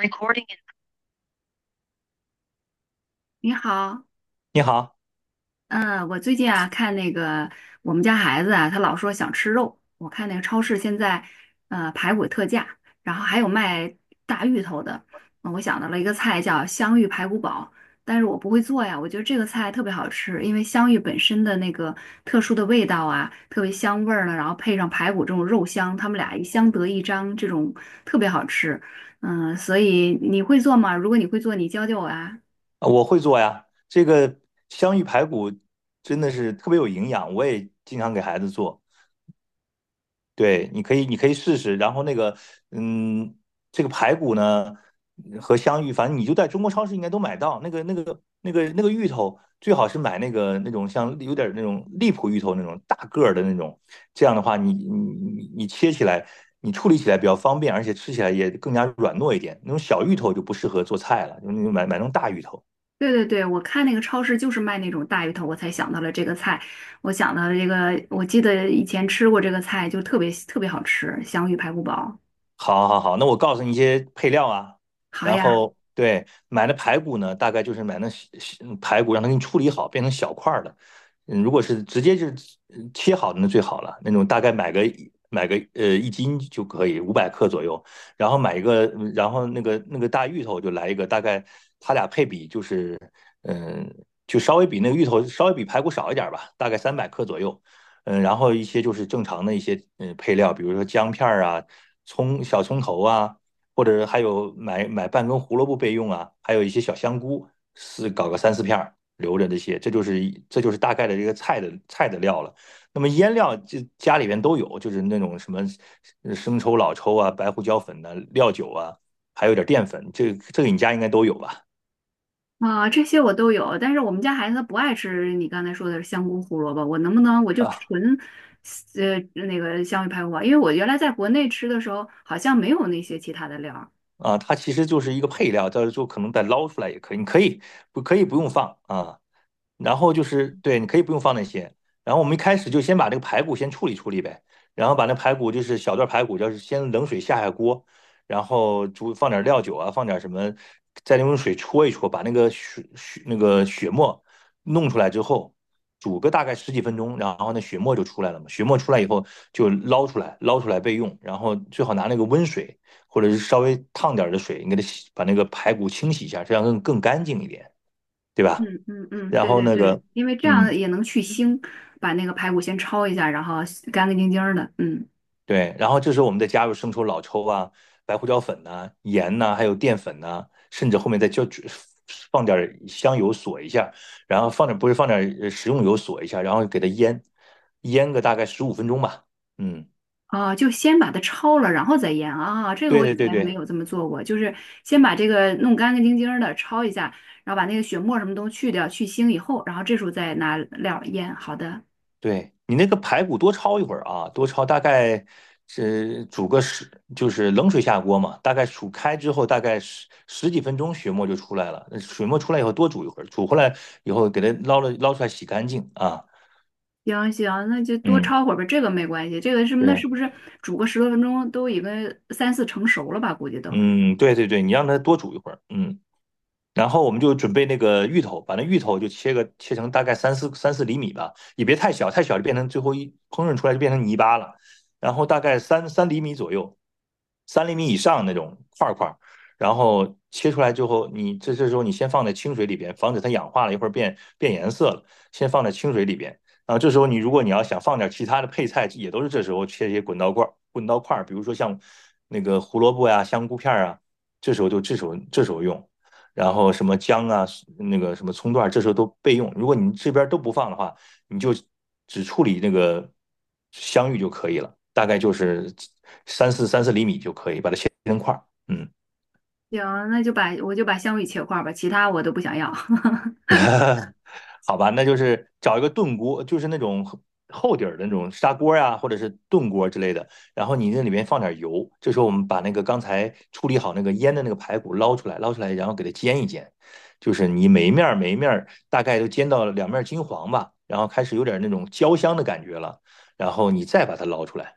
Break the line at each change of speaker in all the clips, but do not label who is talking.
Recording in
你好。
你好，
嗯，我最近啊看那个我们家孩子啊，他老说想吃肉。我看那个超市现在排骨特价，然后还有卖大芋头的。我想到了一个菜叫香芋排骨煲，但是我不会做呀。我觉得这个菜特别好吃，因为香芋本身的那个特殊的味道啊，特别香味儿呢，然后配上排骨这种肉香，他们俩一相得益彰，这种特别好吃。所以你会做吗？如果你会做，你教教我啊。
我会做呀。这个香芋排骨真的是特别有营养，我也经常给孩子做。对，你可以试试。然后嗯，这个排骨呢和香芋，反正你就在中国超市应该都买到。那个芋头，最好是买那个那种像有点那种荔浦芋头那种大个儿的那种。这样的话你切起来，你处理起来比较方便，而且吃起来也更加软糯一点。那种小芋头就不适合做菜了，就那种买那种大芋头。
对对对，我看那个超市就是卖那种大鱼头，我才想到了这个菜。我想到了这个，我记得以前吃过这个菜，就特别特别好吃，香芋排骨煲。
好，好，好，那我告诉你一些配料啊，
好
然
呀。
后对，买的排骨呢，大概就是买那小小排骨，让它给你处理好，变成小块儿的。如果是直接就是切好的那最好了，那种大概买个1斤就可以，500克左右。然后买一个，然后那个大芋头就来一个，大概它俩配比就是，嗯，就稍微比那个芋头稍微比排骨少一点儿吧，大概300克左右。然后一些就是正常的一些配料，比如说姜片儿啊、葱、小葱头啊，或者还有买半根胡萝卜备用啊，还有一些小香菇，是搞个三四片儿留着这些，这就是大概的这个菜的料了。那么腌料这家里边都有，就是那种什么生抽、老抽啊、白胡椒粉呐、料酒啊，还有点淀粉，这个你家应该都有吧？
啊，这些我都有，但是我们家孩子他不爱吃你刚才说的香菇胡萝卜，我能不能我就
啊
纯呃那个香芋排骨煲？因为我原来在国内吃的时候好像没有那些其他的料儿。
啊，它其实就是一个配料，到时候可能再捞出来也可以，你可以不可以不用放啊？然后就是对，你可以不用放那些。然后我们一开始就先把这个排骨先处理处理呗，然后把那排骨就是小段排骨，就是先冷水下锅，然后煮放点料酒啊，放点什么，再用水搓一搓，把那个血血那个血沫弄出来之后，煮个大概十几分钟，然后那血沫就出来了嘛。血沫出来以后就捞出来，捞出来备用。然后最好拿那个温水或者是稍微烫点的水，你给它洗，把那个排骨清洗一下，这样更干净一点，对吧？
嗯嗯嗯，
然
对
后
对对，因为这
嗯，
样也能去腥，把那个排骨先焯一下，然后干干净净儿的。嗯。
对，然后这时候我们再加入生抽、老抽啊、白胡椒粉呐、盐呐、还有淀粉呐、甚至后面再就放点儿香油锁一下，然后放点不是放点儿食用油锁一下，然后给它腌，腌个大概15分钟吧。嗯，
啊，就先把它焯了，然后再腌啊。这个
对
我以
对对
前没
对。
有这么做过，就是先把这个弄干干净净儿的焯一下，然后把那个血沫什么都去掉，去腥以后，然后这时候再拿料儿腌。好的。
对你那个排骨多焯一会儿啊，多焯大概是煮个十，就是冷水下锅嘛，大概煮开之后大概十几分钟血沫就出来了。那水沫出来以后多煮一会儿，煮回来以后给它捞了捞出来洗干净啊。
行行，那就多
嗯，
焯会儿吧，这个没关系。这个是那
对，
是不是煮个十多分钟都已经三四成熟了吧？估计都
嗯，对对对，你让它多煮一会儿，嗯。然后我们就准备那个芋头，把那芋头就切成大概三四厘米吧，也别太小，太小就变成最后一烹饪出来就变成泥巴了。然后大概三厘米左右，三厘米以上那种块儿块儿，然后切出来之后，这时候你先放在清水里边，防止它氧化了，一会儿变颜色了，先放在清水里边。然后这时候如果你要想放点其他的配菜，也都是这时候切一些滚刀块儿，比如说像那个胡萝卜呀、香菇片儿啊，这时候就这时候这时候用。然后什么姜啊，那个什么葱段，这时候都备用。如果你这边都不放的话，你就只处理那个香芋就可以了，大概就是三四厘米就可以把它切成块儿。嗯。
行，那就把我就把香芋切块儿吧，其他我都不想要。
好吧，那就是找一个炖锅，就是那种厚厚底儿的那种砂锅呀、或者是炖锅之类的。然后你那里面放点油，这时候我们把那个刚才处理好那个腌的那个排骨捞出来，捞出来，然后给它煎一煎。就是你每一面儿每一面儿大概都煎到两面金黄吧，然后开始有点那种焦香的感觉了，然后你再把它捞出来。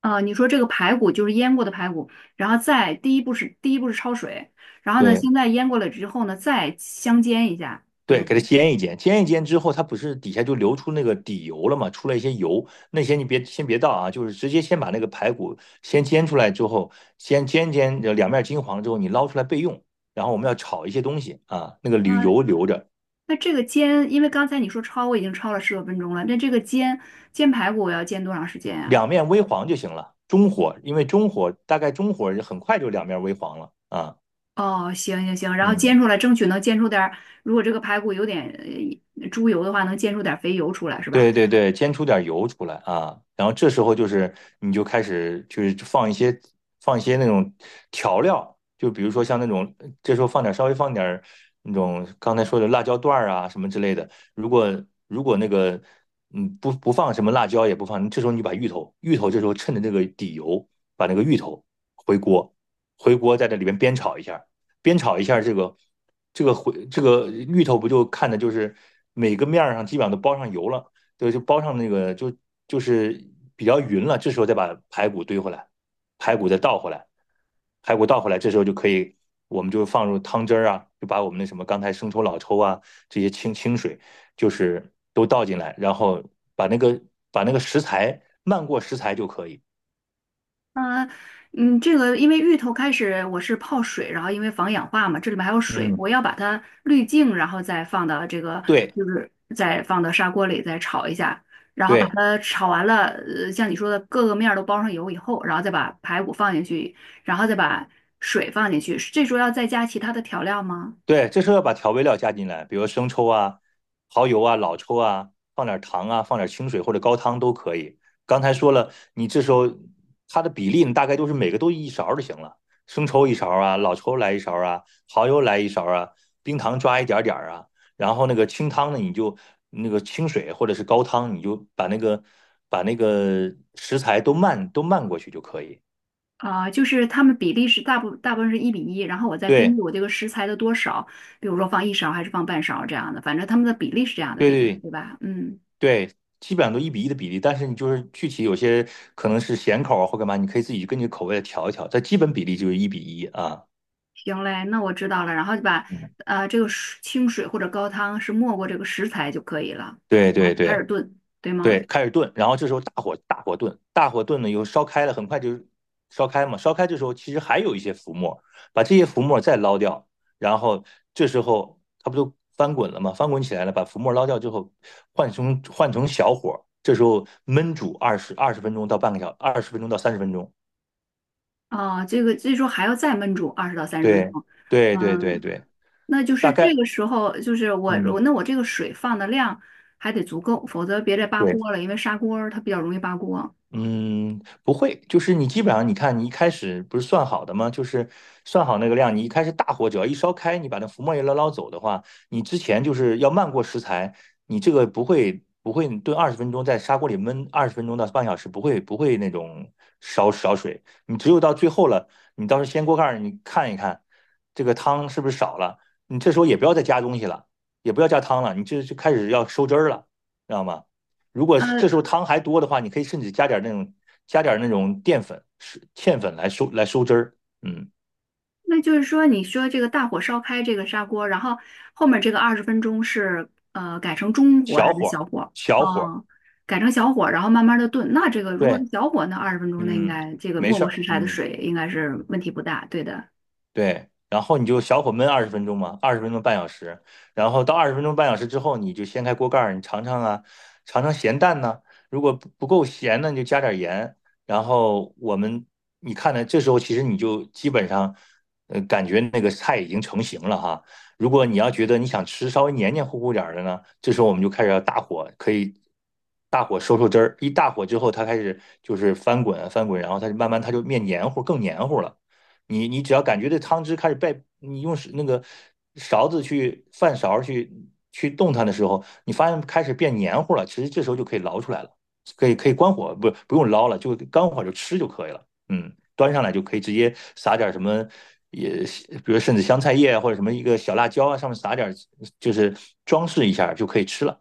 啊，你说这个排骨就是腌过的排骨，然后再第一步是焯水，然后呢，
对，
现在腌过了之后呢，再香煎一下，对
对，
吗？
给它煎一煎，煎一煎之后，它不是底下就流出那个底油了嘛，出来一些油，那些你别先别倒啊，就是直接先把那个排骨先煎出来之后，先煎煎两面金黄了之后，你捞出来备用。然后我们要炒一些东西啊，留
呃，
油留着，
那这个煎，因为刚才你说焯，我已经焯了十多分钟了，那这个煎排骨我要煎多长时间呀？
两面微黄就行了。中火，因为中火大概很快就两面微黄了啊。
哦，行行行，然后
嗯。
煎出来，争取能煎出点儿。如果这个排骨有点猪油的话，能煎出点儿肥油出来是吧？
对对对，煎出点油出来啊，然后这时候就是你就开始就是放一些那种调料，就比如说像那种这时候稍微放点儿那种刚才说的辣椒段儿啊什么之类的。如果如果不放什么辣椒也不放，这时候你把芋头这时候趁着这个底油把那个芋头回锅回锅在这里边煸炒一下，煸炒一下这个这个回这个芋头不就看的就是每个面儿上基本上都包上油了。对，就包上那个就是比较匀了，这时候再把排骨堆回来，排骨再倒回来，排骨倒回来，这时候就可以，我们就放入汤汁儿啊，就把我们那什么刚才生抽、老抽啊这些清水，就是都倒进来，然后把那个把那个食材漫过食材就可以。
啊，嗯，这个因为芋头开始我是泡水，然后因为防氧化嘛，这里面还有水，我
嗯，
要把它滤净，然后再放到这个，
对
就是再放到砂锅里再炒一下，然后把
对。
它炒完了，呃，像你说的各个面儿都包上油以后，然后再把排骨放进去，然后再把水放进去，这时候要再加其他的调料吗？
对，这时候要把调味料加进来，比如生抽啊、蚝油啊、老抽啊，放点糖啊，放点清水或者高汤都可以。刚才说了，你这时候它的比例，你大概都是每个都一勺就行了，生抽一勺啊，老抽来一勺啊，蚝油来一勺啊，冰糖抓一点点儿啊，然后那个清汤呢，你就那个清水或者是高汤，你就把那个食材都漫过去就可以。
啊，就是它们比例是大部分是1:1，然后我再根
对
据我这个食材的多少，比如说放一勺还是放半勺这样的，反正它们的比例是这样的
对
比例，
对。
对吧？嗯。
对，基本上都一比一的比例，但是你就是具体有些可能是咸口啊或干嘛，你可以自己根据口味来调一调，但基本比例就是一比一啊。
行嘞，那我知道了，然后就把
嗯
这个水清水或者高汤是没过这个食材就可以了，
对
然后
对
就开
对
始炖，对吗？
对，开始炖，然后这时候大火炖，大火炖呢又烧开了，很快就烧开嘛，烧开这时候其实还有一些浮沫，把这些浮沫再捞掉，然后这时候它不就翻滚了吗？翻滚起来了，把浮沫捞掉之后，换成小火，这时候焖煮二十分钟到半个小，二十分钟到30分钟。
啊，这个这时候还要再焖煮二十到三十分
对
钟，
对对对
嗯，
对，
那就
大
是这
概，
个时候就是我
嗯，
那我这个水放的量还得足够，否则别再扒
对。
锅了，因为砂锅儿它比较容易扒锅。
嗯，不会，就是你基本上，你看你一开始不是算好的吗？就是算好那个量，你一开始大火只要一烧开，你把那浮沫一捞走的话，你之前就是要漫过食材，你这个不会炖二十分钟，在砂锅里焖二十分钟到半小时，不会那种烧水，你只有到最后了，你到时候掀锅盖儿，你看一看这个汤是不是少了，你这时候也不要再加东西了，也不要加汤了，你这就开始要收汁儿了，知道吗？如果这
呃，
时候汤还多的话，你可以甚至加点那种淀粉、是芡粉来收汁儿。嗯，
那就是说，你说这个大火烧开这个砂锅，然后后面这个二十分钟是呃改成中火
小
还是
火
小火？
小火，
哦，改成小火，然后慢慢的炖。那这个如果是
对，
小火，那二十分钟那应
嗯，
该这个
没
没
事
过
儿，
食材的
嗯。
水应该是问题不大，对的。
对，然后你就小火焖二十分钟嘛，二十分钟半小时，然后到二十分钟半小时之后，你就掀开锅盖儿，你尝尝啊，尝尝咸淡呢、如果不够咸呢，你就加点盐。然后我们你看呢，这时候其实你就基本上，感觉那个菜已经成型了哈。如果你要觉得你想吃稍微黏黏糊糊点儿的呢，这时候我们就开始要大火，可以大火收汁儿。一大火之后，它开始就是翻滚啊翻滚，然后它就慢慢它就面黏糊，更黏糊了。你只要感觉这汤汁开始被你用那个勺子去饭勺去动它的时候，你发现开始变黏糊了，其实这时候就可以捞出来了，可以关火，不用捞了，就关火就吃就可以了。嗯，端上来就可以直接撒点什么，也比如甚至香菜叶啊或者什么一个小辣椒啊，上面撒点就是装饰一下就可以吃了，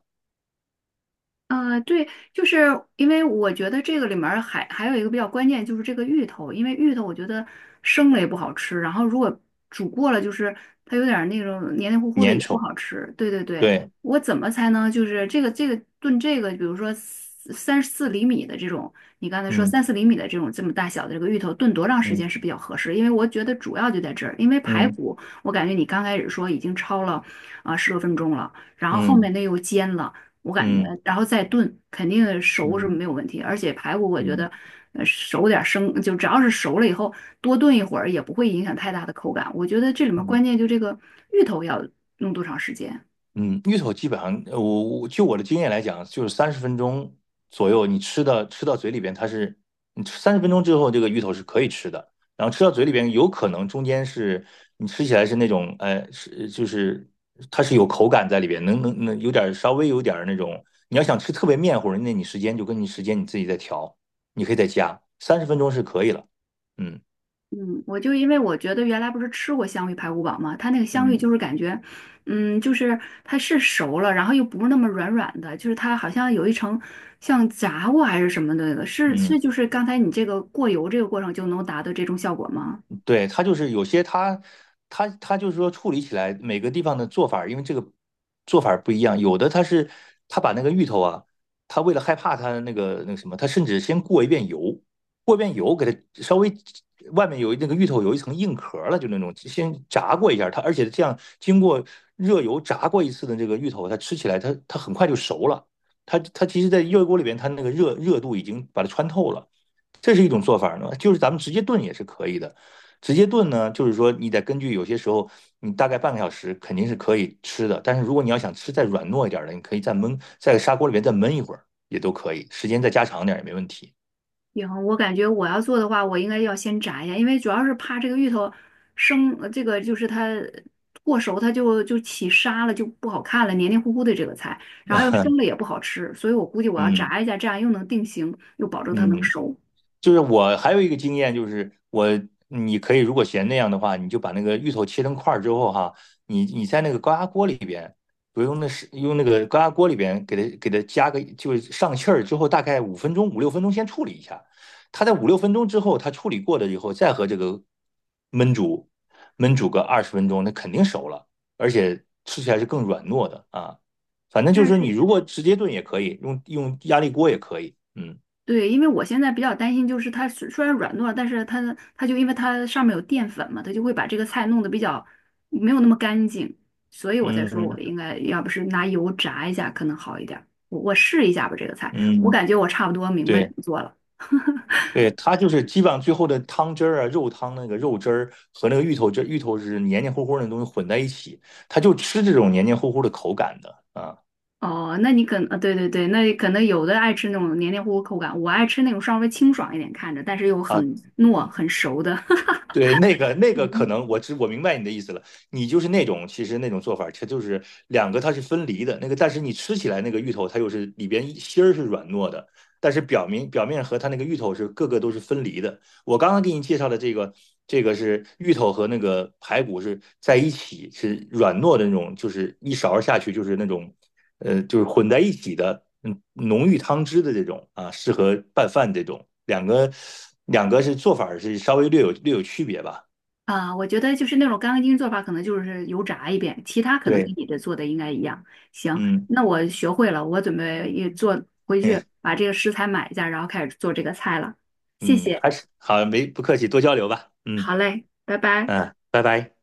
对，就是因为我觉得这个里面儿还有一个比较关键，就是这个芋头，因为芋头我觉得生了也不好吃，然后如果煮过了，就是它有点儿那种黏黏糊糊的也
粘
不
稠。
好吃。对对对，
对，
我怎么才能就是这个炖这个，比如说三四厘米的这种，你刚才说三四厘米的这种这么大小的这个芋头，炖多长时间
嗯
是比较合适？因为我觉得主要就在这儿，因为排
嗯
骨我感觉你刚开始说已经焯了啊十多分钟了，然后后
嗯
面那又煎了。我感觉，
嗯嗯
然后再炖，肯定熟是
嗯
没有问题。而且排骨，我
嗯
觉
嗯。
得，
嗯
熟点儿生，就只要是熟了以后，多炖一会儿也不会影响太大的口感。我觉得这里面关
嗯
键就这个芋头要弄多长时间。
嗯，芋头基本上，我就我的经验来讲，就是三十分钟左右，你吃到嘴里边，它是你吃三十分钟之后，这个芋头是可以吃的。然后吃到嘴里边，有可能中间是你吃起来是那种，是就是它是有口感在里边，能有点儿稍微有点儿那种。你要想吃特别面糊，那你时间就跟你时间你自己再调，你可以再加，三十分钟是可以了。嗯
嗯，我就因为我觉得原来不是吃过香芋排骨煲嘛，它那个香芋
嗯。
就是感觉，就是它是熟了，然后又不是那么软软的，就是它好像有一层像炸过还是什么的那个，是
嗯。
就是刚才你这个过油这个过程就能达到这种效果吗？
对，它就是有些它就是说处理起来每个地方的做法儿因为这个做法儿不一样，有的它是它把那个芋头啊，它为了害怕它那个那个什么，它甚至先过一遍油，过一遍油给它稍微外面有那个芋头有一层硬壳儿了，就那种先炸过一下儿它，而且这样经过热油炸过一次的这个芋头，它吃起来它很快就熟了，它其实在热锅里边它那个热度已经把它穿透了，这是一种做法呢，就是咱们直接炖也是可以的。直接炖呢，就是说你得根据有些时候，你大概半个小时肯定是可以吃的。但是如果你要想吃再软糯一点的，你可以再焖，在砂锅里面再焖一会儿也都可以，时间再加长点也没问题。
行，我感觉我要做的话，我应该要先炸一下，因为主要是怕这个芋头生，这个就是它过熟，它就就起沙了，就不好看了，黏黏糊糊的这个菜，然后又生了也不好吃，所以我估计我要
嗯
炸一下，这样又能定型，又保证它能
嗯，
熟。
就是我还有一个经验，就是我你可以如果嫌那样的话，你就把那个芋头切成块儿之后哈，你在那个高压锅里边，不用那是用那个高压锅里边给它加个就是上气儿之后，大概5分钟五六分钟先处理一下，它在五六分钟之后，它处理过了以后，再和这个焖煮焖煮个二十分钟，那肯定熟了，而且吃起来是更软糯的啊。反正就
那
是你
是。
如果直接炖也可以，用压力锅也可以，嗯
对，因为我现在比较担心，就是它虽然软糯，但是它就因为它上面有淀粉嘛，它就会把这个菜弄得比较没有那么干净，所以我才说我
嗯
应该要不是拿油炸一下可能好一点儿。我试一下吧，这个菜，我
嗯。
感觉我差不多明白怎
对
么做了。
对，它就是基本上最后的汤汁儿啊、肉汤那个肉汁儿和那个芋头汁、芋头是黏黏糊糊的东西混在一起，它就吃这种黏黏糊糊的口感的啊。
哦，那你可能，对对对，那可能有的爱吃那种黏黏糊糊口感，我爱吃那种稍微清爽一点看着，但是又
啊
很糯很熟的。
对，那个 那个可
嗯
能我明白你的意思了，你就是那种其实那种做法，它就是两个它是分离的，那个但是你吃起来那个芋头它又是里边芯儿是软糯的，但是表面和它那个芋头是各个都是分离的。我刚刚给你介绍的这个这个是芋头和那个排骨是在一起是软糯的那种，就是一勺下去就是那种就是混在一起的，嗯，浓郁汤汁的这种啊，适合拌饭这种。两个是做法是稍微略有区别吧？
我觉得就是那种干干净净做法，可能就是油炸一遍，其他可能跟
对，
你的做的应该一样。行，
嗯
那我学会了，我准备也做回去
嗯
把这个食材买一下，然后开始做这个菜了。谢
嗯，
谢，
还是好，没不客气，多交流吧。嗯
好嘞，拜拜。
嗯，拜拜。